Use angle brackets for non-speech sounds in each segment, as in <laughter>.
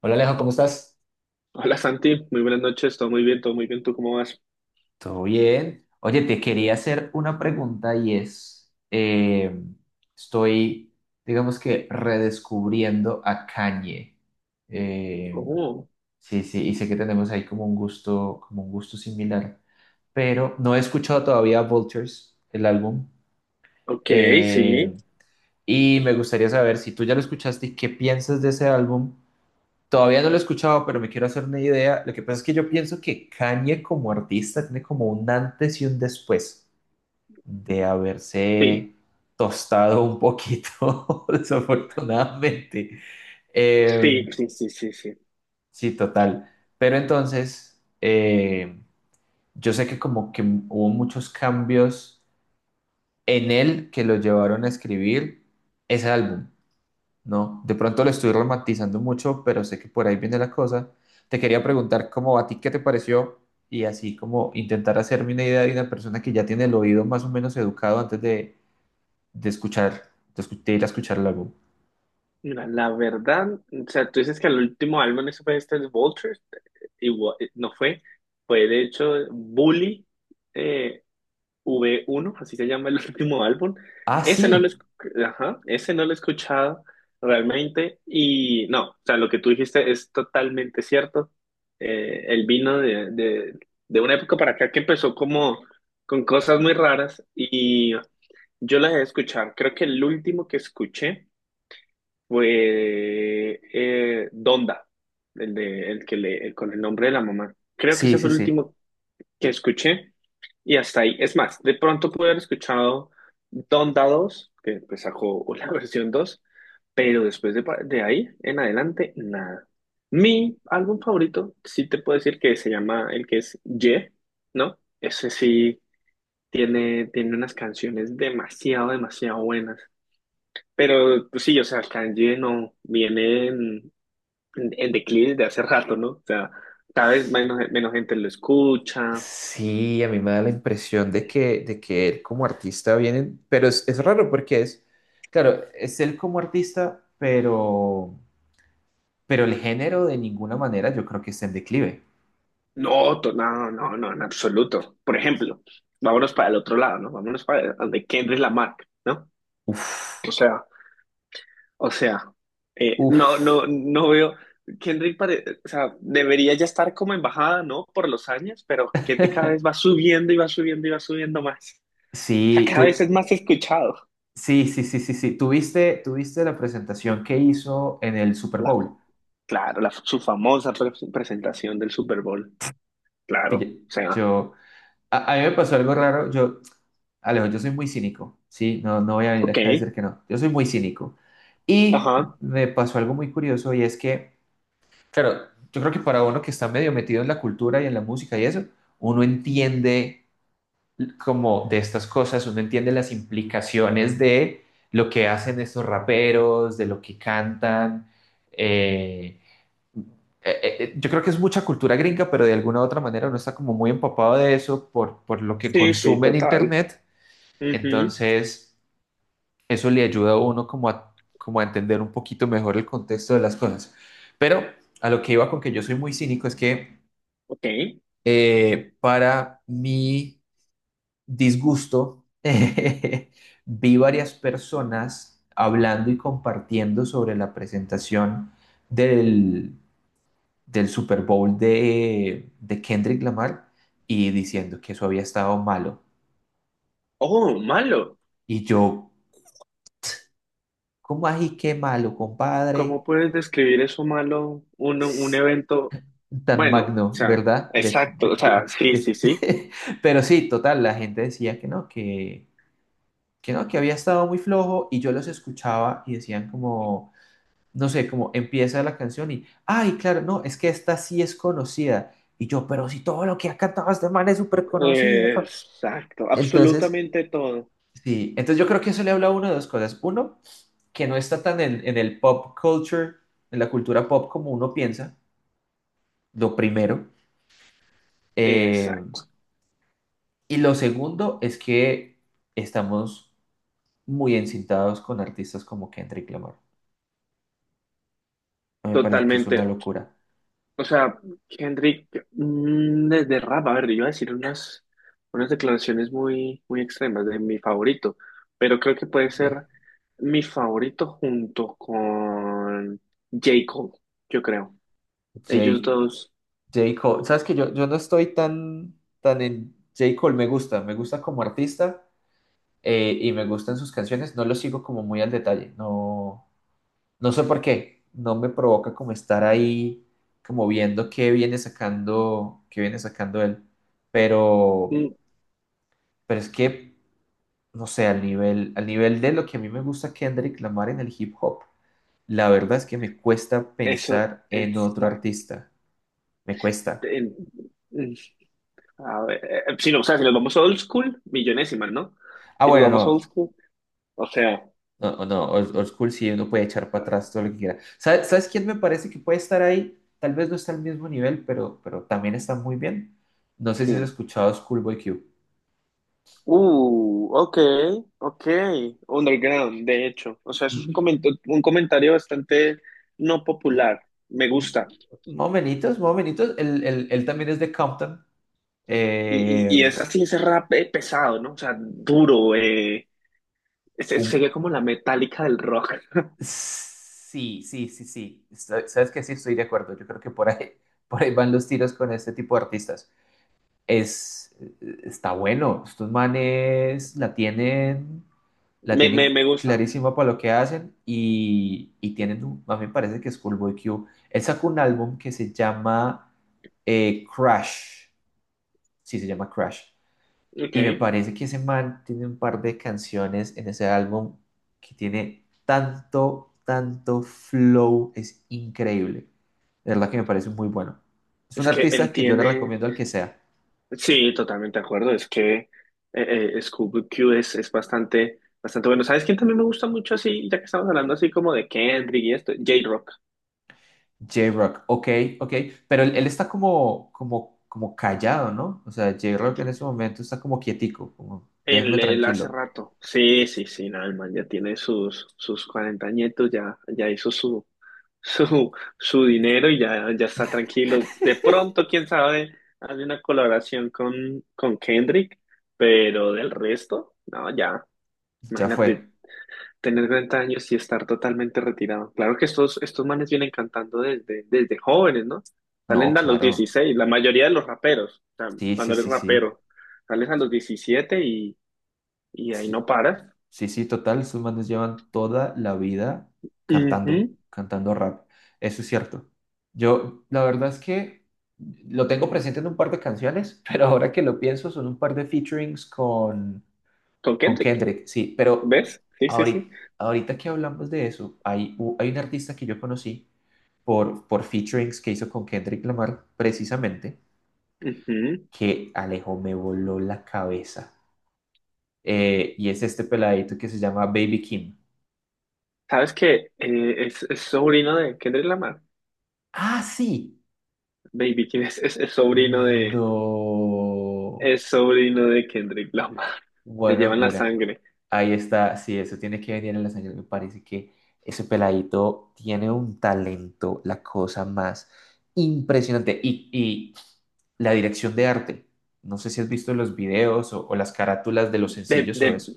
Hola Alejo, ¿cómo estás? Hola Santi, muy buenas noches, todo muy bien, ¿tú cómo vas? Todo bien. Oye, te quería hacer una pregunta y es, estoy, digamos que, redescubriendo a Kanye. Eh, Oh, sí, sí, y sé que tenemos ahí como un gusto similar, pero no he escuchado todavía Vultures, el álbum. ok, Eh, sí, y me gustaría saber si tú ya lo escuchaste y qué piensas de ese álbum. Todavía no lo he escuchado, pero me quiero hacer una idea. Lo que pasa es que yo pienso que Kanye como artista tiene como un antes y un después de sí, haberse tostado un poquito, <laughs> desafortunadamente. Eh, sí, sí, sí, sí, sí. sí, total. Pero entonces, yo sé que como que hubo muchos cambios en él que lo llevaron a escribir ese álbum. No, de pronto lo estoy romantizando mucho, pero sé que por ahí viene la cosa. Te quería preguntar cómo a ti qué te pareció y así como intentar hacerme una idea de una persona que ya tiene el oído más o menos educado antes de escuchar, de, de ir a escuchar el álbum. Mira, la verdad, o sea, tú dices que el último álbum ese fue este de Vultures, igual, no fue, fue de hecho Bully, eh, V1, así se llama el <laughs> último álbum. Ah, Ese no lo, sí, esc- Ajá, ese no lo he escuchado realmente y no, o sea, lo que tú dijiste es totalmente cierto. El vino de una época para acá que empezó como con cosas muy raras y yo las he escuchado. Creo que el último que escuché fue Donda, el, de, el, que le, el con el nombre de la mamá. Creo que sí, ese fue sí, el sí. último que escuché y hasta ahí. Es más, de pronto pude haber escuchado Donda 2, que, pues, sacó la <laughs> versión dos, pero después de ahí en adelante, nada. Mi álbum favorito, sí te puedo decir que se llama el que es Ye, ¿no? Ese sí tiene unas canciones demasiado, demasiado buenas. Pero pues, sí, o sea, Kanye no viene en declive de hace rato, ¿no? O sea, cada vez menos gente lo escucha. Sí, a mí me da la impresión de que él como artista viene, pero es raro porque es, claro, es él como artista, pero el género de ninguna manera yo creo que está en declive. No, no, no, no, en absoluto. Por ejemplo, vámonos para el otro lado, ¿no? Vámonos para el de Kendrick Lamar, ¿no? Uf, O sea, o sea, no, uf. no, no veo. O sea, debería ya estar como en bajada, ¿no? Por los años, pero Kendrick cada vez va <laughs> subiendo y va subiendo y va subiendo más. O sea, Sí, cada vez es tú, más escuchado. sí, sí, sí, sí, sí. ¿Tuviste, tuviste la presentación que hizo en el Super La, Bowl? claro, su famosa presentación del Super Bowl. Claro, o Pille- sea, Yo, a mí me pasó algo raro. Yo, Alejo, yo soy muy cínico, ¿sí? No, no voy a venir ok, acá a decir que no. Yo soy muy cínico. Y ajá, me pasó algo muy curioso y es que, claro, yo creo que para uno que está medio metido en la cultura y en la música y eso, uno entiende como de estas cosas, uno entiende las implicaciones de lo que hacen estos raperos, de lo que cantan. eh, yo creo que es mucha cultura gringa, pero de alguna u otra manera uno está como muy empapado de eso por lo que sí, sí, consume en total. Internet. Ujú, Entonces, eso le ayuda a uno como a, como a entender un poquito mejor el contexto de las cosas. Pero a lo que iba con que yo soy muy cínico es que ok. Para mí disgusto, <laughs> vi varias personas hablando y compartiendo sobre la presentación del, del Super Bowl de Kendrick Lamar y diciendo que eso había estado malo. Oh, malo. Y yo, ¿cómo así qué malo, compadre? ¿Cómo puedes describir eso malo, un evento? Tan Bueno, o magno, sea, ¿verdad? Exacto, o sea, sí, sí, sí, <laughs> Pero sí, total, la gente decía que no, que había estado muy flojo y yo los escuchaba y decían como... no sé, como empieza la canción y, ay, claro, no, es que esta sí es conocida. Y yo, pero si todo lo que ha cantado este man es súper conocido. exacto, Entonces, absolutamente todo, sí, entonces yo creo que eso le habla a uno de dos cosas. Uno, que no está tan en el pop culture, en la cultura pop como uno piensa, lo primero. Eh, exacto, y lo segundo es que estamos muy encintados con artistas como Kendrick Lamar. Me parece que es una totalmente, locura. o sea, Henry, desde rap, a ver, yo iba a decir unas declaraciones muy, muy extremas de mi favorito, pero creo que puede Que ser mi favorito junto con J. Cole, yo creo, ellos J. dos, J. Cole, sabes que yo no estoy tan, tan en J. Cole, me gusta como artista, y me gustan sus canciones, no lo sigo como muy al detalle, no, no sé por qué, no me provoca como estar ahí, como viendo qué viene sacando él, pero, mm, pero es que, no sé, al nivel de lo que a mí me gusta Kendrick Lamar en el hip hop, la verdad es que me cuesta eso, pensar en otro artista, me cuesta. en- a ver, si no, o sea, si nos vamos old school, millonésimas, ¿no? Ah, Si nos bueno, vamos old no, school, o sea, No, o no, old, old school sí, uno puede echar para atrás todo lo que quiera. ¿Sabes, sabes quién me parece que puede estar ahí? Tal vez no está al mismo nivel, pero también está muy bien. No sé si has ¿quién? escuchado Schoolboy Q. Ok, ok, underground, de hecho. O sea, eso es un Mm, comentario bastante no popular. Me gusta. Momentitos, momentitos. Él, él también es de Compton. Y, Eh, y, y es así, ese rap pesado, ¿no? O sea, duro. Eh, se, un- se ve como la metálica del rock. sí, sí, sí, sí. Sabes que sí estoy de acuerdo. Yo creo que por ahí, <laughs> por ahí van los tiros con este tipo de artistas. Es, está bueno. Estos manes la tienen. La Me, me, tienen me gusta. clarísima para lo que hacen y tienen, a mí me parece que es Schoolboy Q. Él sacó un álbum que se llama Crash, sí se llama Crash, Ok. y me parece que ese man tiene un par de canciones en ese álbum que tiene tanto, tanto flow, es increíble. De verdad que me parece muy bueno. Es un Es que artista él que yo le tiene. recomiendo al que sea. Sí, totalmente de acuerdo. Es que Scooby-Q es bastante, bastante bueno. ¿Sabes quién también me gusta mucho así? Ya que estamos hablando así como de Kendrick y esto, J-Rock. J-Rock, ok, ok, pero él está como, como, como callado, ¿no? O sea, J-Rock en ese momento está como quietico, como déjenme Él hace tranquilo, rato. Sí, sí, sí, nada, el man ya tiene sus 40 añitos, ya hizo su, <laughs> su, su dinero y ya está tranquilo. De pronto, quién sabe, hace una colaboración con Kendrick, pero del resto, no, ya, ya imagínate fue. tener 40 años y estar totalmente retirado. Claro que estos manes vienen cantando desde jóvenes, ¿no? No, Salen a los claro, 16, la mayoría de los raperos, o sea, sí, sí, cuando eres sí, sí, rapero, sales a los 17 y ahí no sí, paras. sí, sí, total, esos manes llevan toda la vida cantando, Ujú. cantando rap, eso es cierto. Yo, la verdad es que lo tengo presente en un par de canciones, <laughs> pero ahora que lo pienso, son un par de featurings Con con Kendrick, Kendrick, sí, pero ¿ves? Sí, sí, sí. ahorita, ahorita que hablamos de eso, hay, hay un artista que yo conocí por featurings que hizo con Kendrick Lamar, precisamente, Ujú. que Alejo me voló la cabeza. Y es este peladito que se llama Baby Kim. ¿Sabes que es sobrino de Kendrick Lamar? Ah, sí. Baby, ¿quién es? Es, es sobrino de, No. es sobrino de Kendrick Lamar. <laughs> Le Bueno, llevan la mira, sangre. ahí está, sí, eso tiene que venir en la sangre. Me parece que ese peladito tiene un talento, la cosa más impresionante. Y la dirección de arte, no sé si has visto los videos o las carátulas de los De, sencillos o de- eso,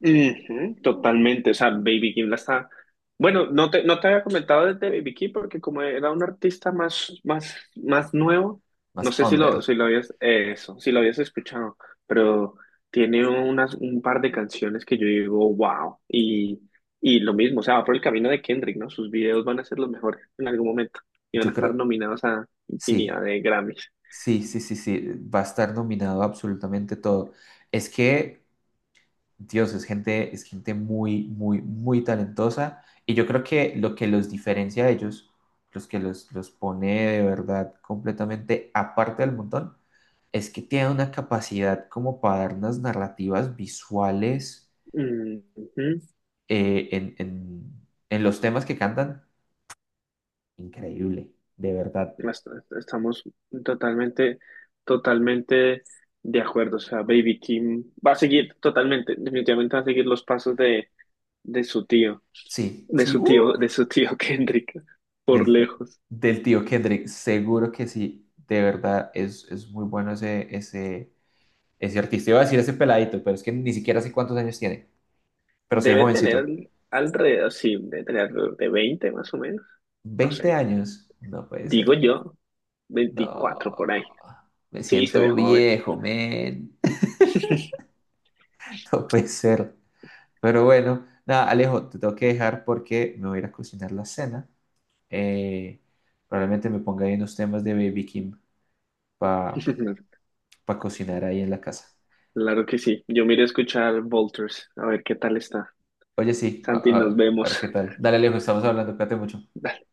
Ujú, totalmente, o sea, Baby Kim la está... Bueno, no te había comentado desde Baby Kim porque como era un artista más nuevo, no más sé si lo, under. si lo habías, eso, si lo habías escuchado, pero tiene un par de canciones que yo digo, wow, y lo mismo, o sea, va por el camino de Kendrick, ¿no? Sus videos van a ser los mejores en algún momento y van a Yo estar creo, nominados a infinidad sí, de Grammys. sí, sí, sí, sí, va a estar nominado absolutamente todo. Es que Dios, es gente muy, muy, muy talentosa. Y yo creo que lo que los diferencia a ellos, los que los pone de verdad completamente aparte del montón, es que tienen una capacidad como para dar unas narrativas visuales Ujú. eh, en, en- en los temas que cantan. Increíble, de verdad. Est- Estamos totalmente, totalmente de acuerdo. O sea, Baby Kim va a seguir totalmente, definitivamente va a seguir los pasos de su tío, Sí, sí, de su tío <laughs> Kendrick, por del, lejos. del tío Kendrick, seguro que sí. De verdad, es muy bueno ese, ese. Es cierto, te iba a decir ese peladito, pero es que ni siquiera sé cuántos años tiene. Pero soy Debe tener jovencito. Sí, debe tener alrededor de 20 más o menos. No ¿20 sé, años? No puede digo ser. yo, 24 por No. ahí. Me Sí, se ve siento joven. viejo, men. <laughs> No puede ser. Pero bueno, nada, Alejo, te tengo que dejar porque me voy a ir a cocinar la cena. Eh, Probablemente me ponga ahí unos temas de Baby Kim para <laughs> cocinar ahí en la casa. Claro que sí. Yo me iré a escuchar Volters, a ver qué tal está. Oye, sí, a, Santi, nos a ver vemos. qué tal. Dale, Alejo, estamos hablando, cuídate mucho. <laughs>